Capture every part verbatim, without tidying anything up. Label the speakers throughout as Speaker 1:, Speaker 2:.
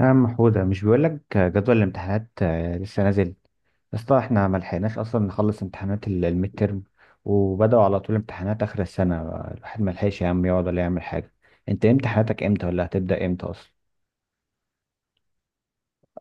Speaker 1: يا عم حودة، مش بيقول لك جدول الامتحانات، آه، لسه نازل. يا اسطى، احنا ما لحقناش اصلا نخلص امتحانات ال- الميد ترم، وبدأوا على طول امتحانات اخر السنة. الواحد ما لحقش يا عم يقعد ولا يعمل حاجة. انت امتحاناتك امتى؟ ولا هتبدأ امتى اصلا؟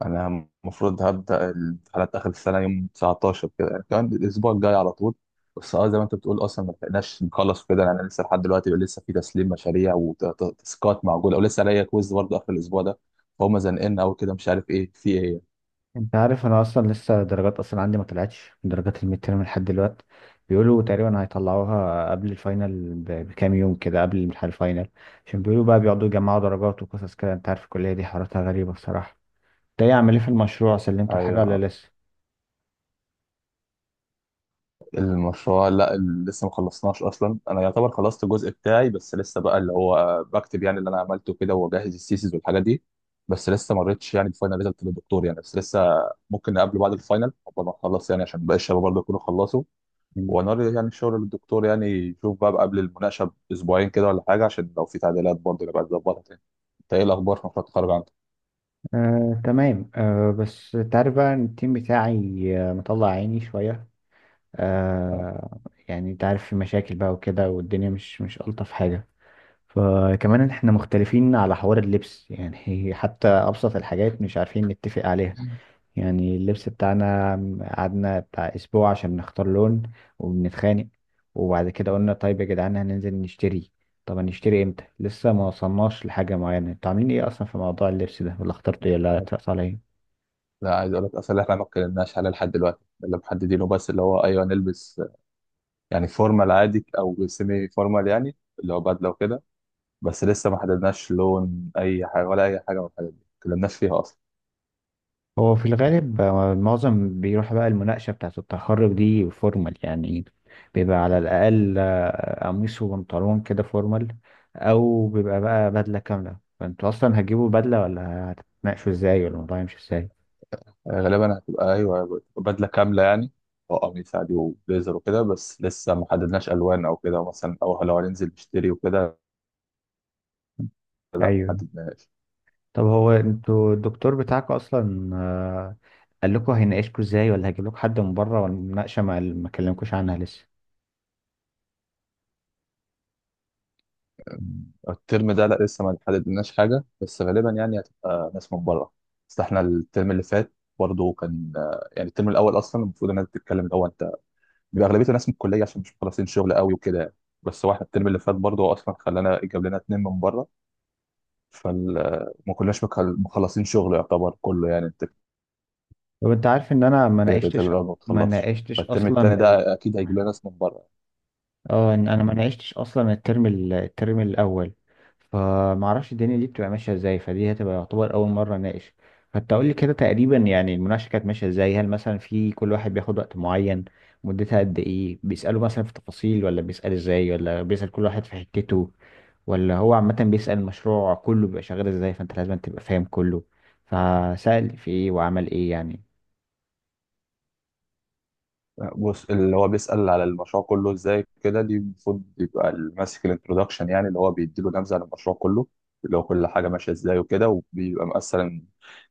Speaker 2: انا المفروض هبدا الامتحانات اخر السنه يوم تسعتاشر كده، يعني كمان الاسبوع الجاي على طول. بس اه زي ما انت بتقول اصلا ما لحقناش نخلص كده، يعني انا لسه لحد دلوقتي لسه في تسليم مشاريع وتاسكات معقوله، ولسه عليا كويز برضه اخر الاسبوع ده. فهم زنقلنا قوي كده، مش عارف ايه في ايه.
Speaker 1: انت عارف انا اصلا لسه درجات اصلا عندي ما طلعتش من درجات الميد ترم لحد دلوقتي. بيقولوا تقريبا هيطلعوها قبل الفاينل ب- بكام يوم كده قبل الامتحان الفاينل. عشان بيقولوا بقى بيقعدوا يجمعوا درجات وقصص كده، انت عارف الكلية دي حواراتها غريبة بصراحة. انت ايه؟ عامل ايه في المشروع؟ سلمتوا الحاجة ولا
Speaker 2: ايوه.
Speaker 1: لسه؟
Speaker 2: المشروع لا، ال- لسه ما خلصناش اصلا. انا يعتبر خلصت الجزء بتاعي، بس لسه بقى اللي هو بكتب يعني اللي انا عملته كده، واجهز السيسز والحاجات دي. بس لسه ما مريتش يعني بفاينل ريزلت للدكتور يعني، بس لسه ممكن نقابله بعد الفاينل قبل ما نخلص يعني، عشان باقي الشباب برضه يكونوا خلصوا. ونوري يعني الشغل للدكتور يعني، يشوف بقى قبل المناقشه باسبوعين كده ولا حاجه، عشان لو في تعديلات برضه نبقى نظبطها تاني. انت ايه الاخبار في مشروع التخرج عندك؟
Speaker 1: آه، تمام. آه، بس انت عارف بقى ان التيم بتاعي آه، مطلع عيني شوية. آه، يعني انت عارف في مشاكل بقى وكده، والدنيا مش مش ألطف حاجة. فكمان احنا مختلفين على حوار اللبس يعني حتى أبسط الحاجات مش عارفين نتفق عليها. يعني اللبس بتاعنا، قعدنا بتاع أسبوع عشان نختار لون وبنتخانق. وبعد كده قلنا طيب يا جدعان هننزل نشتري. طب هنشتري امتى؟ لسه ما وصلناش لحاجة معينة. انتوا عاملين ايه اصلا في موضوع اللبس ده؟ ولا اخترتوا ايه؟ ولا اتفقتوا على ايه؟
Speaker 2: لا، عايز اقول لك اصلا احنا ما اتكلمناش عليه لحد دلوقتي. اللي محددينه بس اللي هو ايوه نلبس، يعني فورمال عادي او سيمي فورمال، يعني اللي هو بدله وكده. بس لسه ما حددناش لون اي حاجه، ولا اي حاجه من الحاجات دي ما اتكلمناش فيها اصلا.
Speaker 1: هو في الغالب، آه، معظم بيروح بقى المناقشة بتاعة التخرج دي فورمال يعني. بيبقى على الأقل آه، قميص وبنطلون كده فورمال. أو بيبقى بقى بدلة كاملة. فأنتوا أصلا هتجيبوا بدلة ولا هتتناقشوا إزاي؟ ولا الموضوع يمشي إزاي؟
Speaker 2: آه، غالبا هتبقى ايوه بدله كامله يعني، وقميص عادي وبليزر وكده. بس لسه ما حددناش الوان او كده مثلا، او لو هننزل نشتري وكده. لا، ما
Speaker 1: ايوه.
Speaker 2: حددناش.
Speaker 1: طب هو أنتوا الدكتور بتاعكم أصلا آه، قال لكم هيناقشكوا إزاي؟ ولا هيجيب لكم حد من بره؟ ولا المناقشة ما ما كلمكوش عنها لسه؟
Speaker 2: آه، الترم ده لا لسه ما حددناش حاجه، بس غالبا يعني هتبقى ناس من بره. بس احنا الترم اللي فات برضه كان آه، يعني الترم الاول اصلا المفروض الناس بتتكلم الاول، بيبقى اغلبيته ناس من الكليه عشان مش مخلصين شغل قوي وكده يعني. بس واحد الترم اللي فات برضه هو اصلا خلانا جاب لنا اتنين من بره، فما كناش مخل- مخلصين شغل يعتبر كله يعني انت.
Speaker 1: طب أنت عارف إن أنا ما
Speaker 2: كده كده الترم
Speaker 1: ناقشتش،
Speaker 2: الاول ما
Speaker 1: ما
Speaker 2: بتخلصش،
Speaker 1: ناقشتش
Speaker 2: فالترم
Speaker 1: أصلا.
Speaker 2: التاني
Speaker 1: ال...
Speaker 2: ده اكيد هيجيب لنا ناس من بره.
Speaker 1: اه، إن انا ما نعشتش اصلا الترم ال- الترم الاول، فما اعرفش الدنيا دي بتبقى ماشيه ازاي، فدي هتبقى يعتبر اول مره اناقش. فانت قول لي كده تقريبا يعني المناقشه كانت ماشيه ازاي. هل مثلا في كل واحد بياخد وقت معين؟ مدتها قد ايه؟ بيسالوا مثلا في تفاصيل، ولا بيسال ازاي، ولا بيسال كل واحد في حتته، ولا هو عامه بيسال المشروع كله بيبقى شغال ازاي، فانت لازم تبقى فاهم كله، فسأل في ايه وعمل ايه يعني.
Speaker 2: بص، اللي هو بيسال على المشروع كله ازاي كده، دي المفروض يبقى اللي ماسك الانترودكشن، يعني اللي هو بيديله نبذه عن المشروع كله، اللي هو كل حاجه ماشيه ازاي وكده. وبيبقى مثلا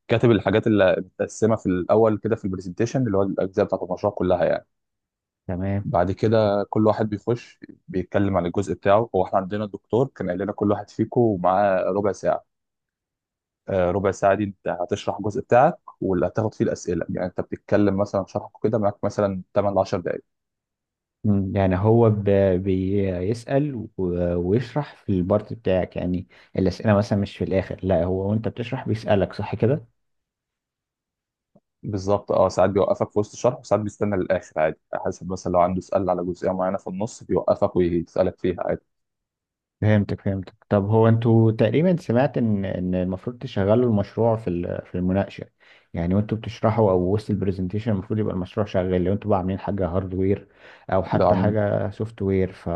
Speaker 2: كاتب الحاجات اللي متقسمه في الاول كده في البرزنتيشن، اللي هو الاجزاء بتاعت المشروع كلها يعني.
Speaker 1: تمام.
Speaker 2: بعد كده كل واحد بيخش بيتكلم عن الجزء بتاعه. هو احنا عندنا الدكتور كان قال لنا كل واحد فيكم معاه ربع ساعة. آه، ربع ساعة دي انت هتشرح الجزء بتاعك واللي هتاخد فيه الأسئلة، يعني انت بتتكلم مثلا شرحك كده معاك مثلا تمانية ل عشر دقايق.
Speaker 1: مم. يعني هو ب... بيسأل و... ويشرح في البارت بتاعك يعني. الأسئلة مثلا مش في الآخر، لا، هو وأنت بتشرح بيسألك، صح كده؟
Speaker 2: بالظبط. اه ساعات بيوقفك في وسط الشرح، وساعات بيستنى للآخر عادي، على حسب. مثلا لو عنده سؤال على جزئية معينة في النص بيوقفك ويسألك فيها عادي.
Speaker 1: فهمتك فهمتك طب هو انتوا تقريبا، سمعت ان ان المفروض تشغلوا المشروع في ال- في المناقشه. يعني وانتوا بتشرحوا او وسط البرزنتيشن المفروض يبقى المشروع شغال، لو انتوا بقى عاملين حاجه هاردوير او
Speaker 2: لو
Speaker 1: حتى
Speaker 2: عن...
Speaker 1: حاجه سوفت وير. ف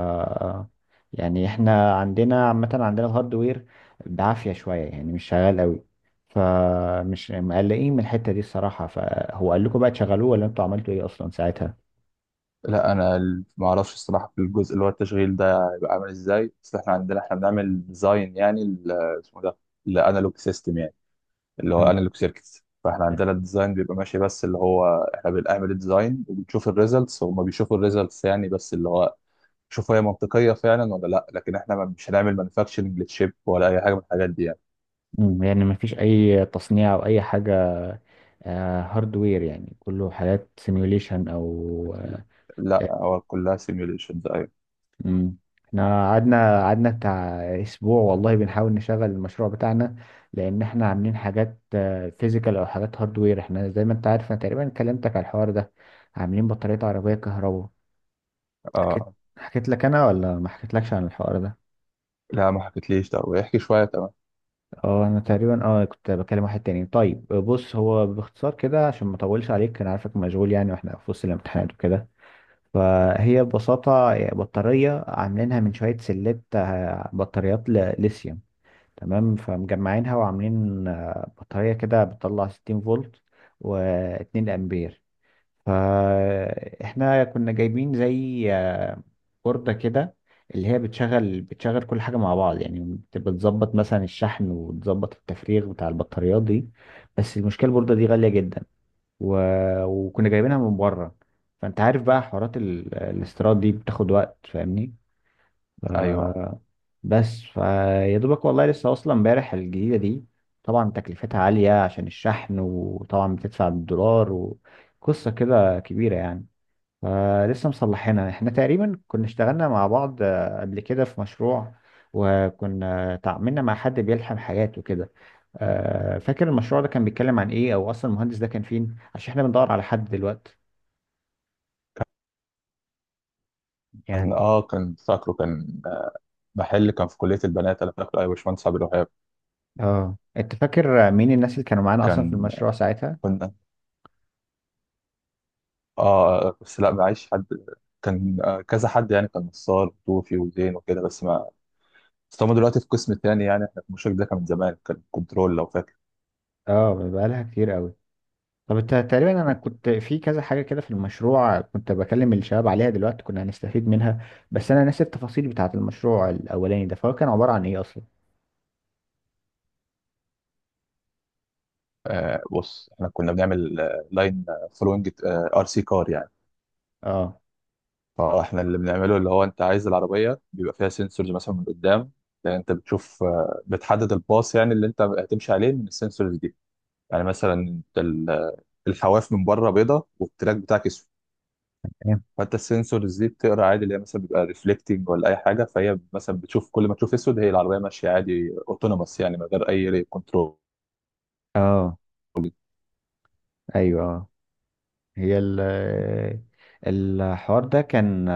Speaker 1: يعني احنا عندنا عامه عندنا الهاردوير بعافيه شويه يعني، مش شغال قوي، فمش مقلقين من الحته دي الصراحه. فهو قال لكم بقى تشغلوه؟ ولا انتوا عملتوا ايه اصلا ساعتها؟
Speaker 2: لا، انا ال- ما اعرفش الصراحة في الجزء اللي هو التشغيل ده هيبقى عامل ازاي، بس احنا عندنا احنا بنعمل ديزاين يعني ل- اسمه ده لانالوج سيستم، اللي هو انالوج سيركتس. فاحنا عندنا الديزاين بيبقى ماشي، بس اللي هو احنا بنعمل الديزاين وبنشوف الريزلتس، هما بيشوفوا الريزلتس يعني. بس اللي هو شوف هي منطقيه فعلا ولا لا، لكن احنا ما- مش هنعمل مانيفاكتشرنج للشيب ولا اي حاجه من الحاجات دي يعني.
Speaker 1: مم. يعني مفيش اي تصنيع او اي حاجه هاردوير يعني؟ كله حاجات سيميوليشن او آه.
Speaker 2: لا، هو كلها سيميوليشنز. ايوه.
Speaker 1: مم. احنا قعدنا قعدنا بتاع اسبوع والله بنحاول نشغل المشروع بتاعنا، لان احنا عاملين حاجات فيزيكال او حاجات هاردوير. احنا زي ما انت عارف انا تقريبا كلمتك على الحوار ده، عاملين بطارية عربية كهرباء. حكيت
Speaker 2: اه،
Speaker 1: حكيت لك انا ولا ما حكيتلكش عن الحوار ده؟
Speaker 2: لا ما حكيتليش ده، ويحكي شويه. تمام.
Speaker 1: اه، انا تقريبا اه كنت بكلم واحد تاني. طيب بص هو باختصار كده عشان ما اطولش عليك، انا عارفك مشغول يعني، واحنا في وسط الامتحانات وكده. فهي ببساطة بطارية عاملينها من شوية سلات، آه، بطاريات ل- ليثيوم. تمام. فمجمعينها وعاملين آه، بطارية كده بتطلع ستين فولت و2 أمبير. فاحنا كنا جايبين زي آه، بوردة كده، اللي هي بتشغل بتشغل كل حاجة مع بعض يعني. بت- بتظبط مثلا الشحن وتظبط التفريغ بتاع البطاريات دي. بس المشكلة البوردة دي غالية جدا، و... وكنا جايبينها من بره. فانت عارف بقى حوارات ال... الاستيراد دي بتاخد وقت، فاهمني. ف...
Speaker 2: ايوه.
Speaker 1: بس فيا دوبك والله لسه واصله امبارح الجديده دي. طبعا تكلفتها عاليه عشان الشحن، وطبعا بتدفع بالدولار، وقصه كده كبيره يعني. آه لسه مصلحينها. احنا تقريبا كنا اشتغلنا مع بعض آه قبل كده في مشروع، وكنا تعاملنا مع حد بيلحم حاجات وكده. آه فاكر المشروع ده كان بيتكلم عن ايه؟ او اصلا المهندس ده كان فين؟ عشان احنا بندور على حد دلوقتي
Speaker 2: كان
Speaker 1: يعني.
Speaker 2: اه كان فاكره. كان محل كان في كليه البنات، انا فاكره، ايوه، باشمهندس عبد الوهاب.
Speaker 1: اه، انت فاكر مين الناس اللي كانوا معانا اصلا في
Speaker 2: كان
Speaker 1: المشروع ساعتها؟
Speaker 2: كنا، اه بس لا، معيش حد. كان آه، كذا حد يعني، كان نصار وطوفي وزين وكده، بس ما. بس هم دلوقتي في قسم تاني، يعني احنا في المشارك ده كان من زمان، كان كنترول لو فاكر.
Speaker 1: اه، بقالها كتير قوي. طب انت تقريبا، انا كنت في كذا حاجه كده في المشروع كنت بكلم الشباب عليها، دلوقتي كنا هنستفيد منها، بس انا ناسي التفاصيل بتاعه المشروع الاولاني ده. فهو كان عباره عن ايه اصلا؟
Speaker 2: آه بص، احنا كنا بنعمل آه، لاين فلوينج ار سي كار يعني.
Speaker 1: اه.
Speaker 2: فاحنا اللي بنعمله اللي هو انت عايز العربيه بيبقى فيها سنسورز مثلا من قدام، يعني انت بتشوف آه، بتحدد الباص يعني اللي انت هتمشي عليه من السنسورز دي. يعني مثلا انت ال- آه، الحواف من بره بيضه والتراك بتاعك اسود، فانت السنسورز دي بتقرا عادي اللي هي مثلا بيبقى ريفلكتنج ولا اي حاجه. فهي مثلا بتشوف، كل ما تشوف اسود هي العربيه ماشيه عادي اوتونوموس يعني من غير اي كنترول.
Speaker 1: اه. ايوه. اه. هي ال الحوار ده كان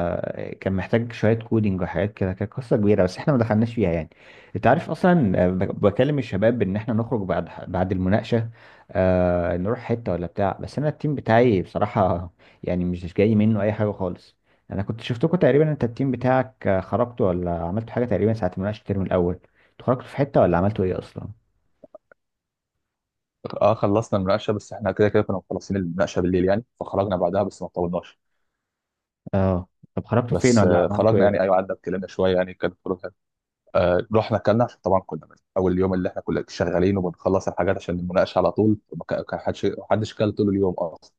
Speaker 1: كان محتاج شويه كودينج وحاجات كده، كانت قصه كبيره، بس احنا ما دخلناش فيها يعني. انت عارف اصلا ب- بكلم الشباب ان احنا نخرج بعد بعد المناقشه، آه نروح حته ولا بتاع، بس انا التيم بتاعي بصراحه يعني مش جاي منه اي حاجه خالص. انا كنت شفتكم تقريبا، انت التيم بتاعك خرجتوا ولا عملتوا حاجه تقريبا ساعه مناقشه الترم الاول؟ انتوا خرجتوا في حته ولا عملتوا ايه اصلا؟
Speaker 2: اه، خلصنا المناقشه، بس احنا كده كده كنا مخلصين المناقشه بالليل يعني، فخرجنا بعدها بس ما طولناش.
Speaker 1: اه. طب خرجتوا فين
Speaker 2: بس
Speaker 1: ولا
Speaker 2: آه،
Speaker 1: عملتوا
Speaker 2: خرجنا
Speaker 1: ايه
Speaker 2: يعني. ايوه،
Speaker 1: اصلا؟
Speaker 2: قعدنا اتكلمنا شويه يعني، كانت خروج حلوة. آه رحنا اكلنا، عشان طبعا كنا من اول يوم اللي احنا كنا شغالين وبنخلص الحاجات عشان المناقشه على طول، ما كا- كا- حدش ما حدش كل طول اليوم اصلا.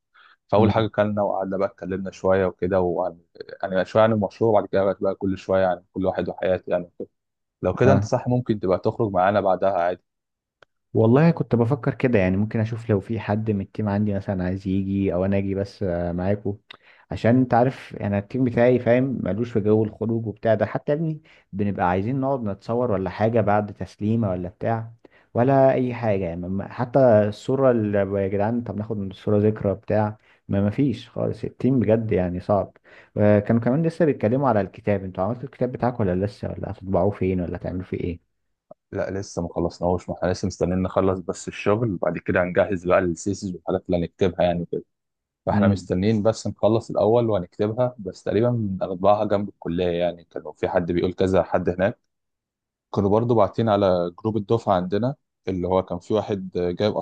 Speaker 2: فاول حاجه
Speaker 1: امم.
Speaker 2: كلنا، وقعدنا بقى اتكلمنا شويه وكده، وعن يعني شويه عن المشروع، وبعد كده بقى بقى كل شويه عن كل واحد وحياته يعني. لو كده انت
Speaker 1: اه،
Speaker 2: صح، ممكن تبقى تخرج معانا بعدها عادي.
Speaker 1: والله كنت بفكر كده يعني، ممكن اشوف لو في حد من التيم عندي مثلا عايز يجي، او انا اجي بس آه، معاكو. عشان انت عارف انا التيم بتاعي فاهم ملوش في جو الخروج وبتاع ده، حتى يا ابني بنبقى عايزين نقعد نتصور ولا حاجة بعد تسليمة ولا بتاع، ولا اي حاجة يعني، ما- حتى الصورة اللي، يا جدعان طب ناخد الصورة ذكرى بتاع، ما مفيش خالص. التيم بجد يعني صعب. آه، كانوا كمان لسه بيتكلموا على الكتاب. انتوا عملتوا الكتاب بتاعكم ولا لسه؟ ولا هتطبعوه فين؟ ولا هتعملوا فيه ايه؟
Speaker 2: لا، لسه ما خلصناهوش، ما احنا لسه مستنيين نخلص بس الشغل، وبعد كده هنجهز بقى الثيسز والحاجات اللي هنكتبها يعني كده. فاحنا
Speaker 1: امم.
Speaker 2: مستنيين بس نخلص الاول وهنكتبها، بس تقريبا هنطبعها جنب الكليه يعني. كانوا في حد بيقول كذا حد هناك، كانوا برضو باعتين على جروب الدفعه عندنا، اللي هو كان في واحد جايب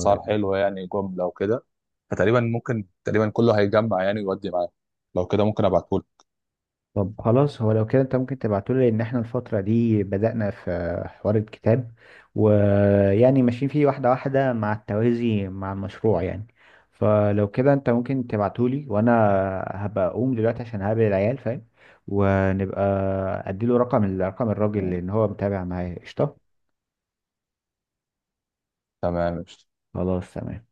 Speaker 2: اسعار حلوه يعني جمله وكده. فتقريبا ممكن تقريبا كله هيجمع يعني ويودي معاه. لو كده ممكن ابعتهولك.
Speaker 1: طب خلاص، هو لو كده انت ممكن تبعتولي، لان احنا الفترة دي بدأنا في حوار الكتاب، ويعني ماشيين فيه واحدة واحدة مع التوازي مع المشروع يعني. فلو كده انت ممكن تبعتولي، وانا هبقى اقوم دلوقتي عشان هقابل العيال، فاهم. ونبقى اديله رقم الرقم الراجل لان هو متابع معايا قشطة.
Speaker 2: تمام
Speaker 1: خلاص، تمام.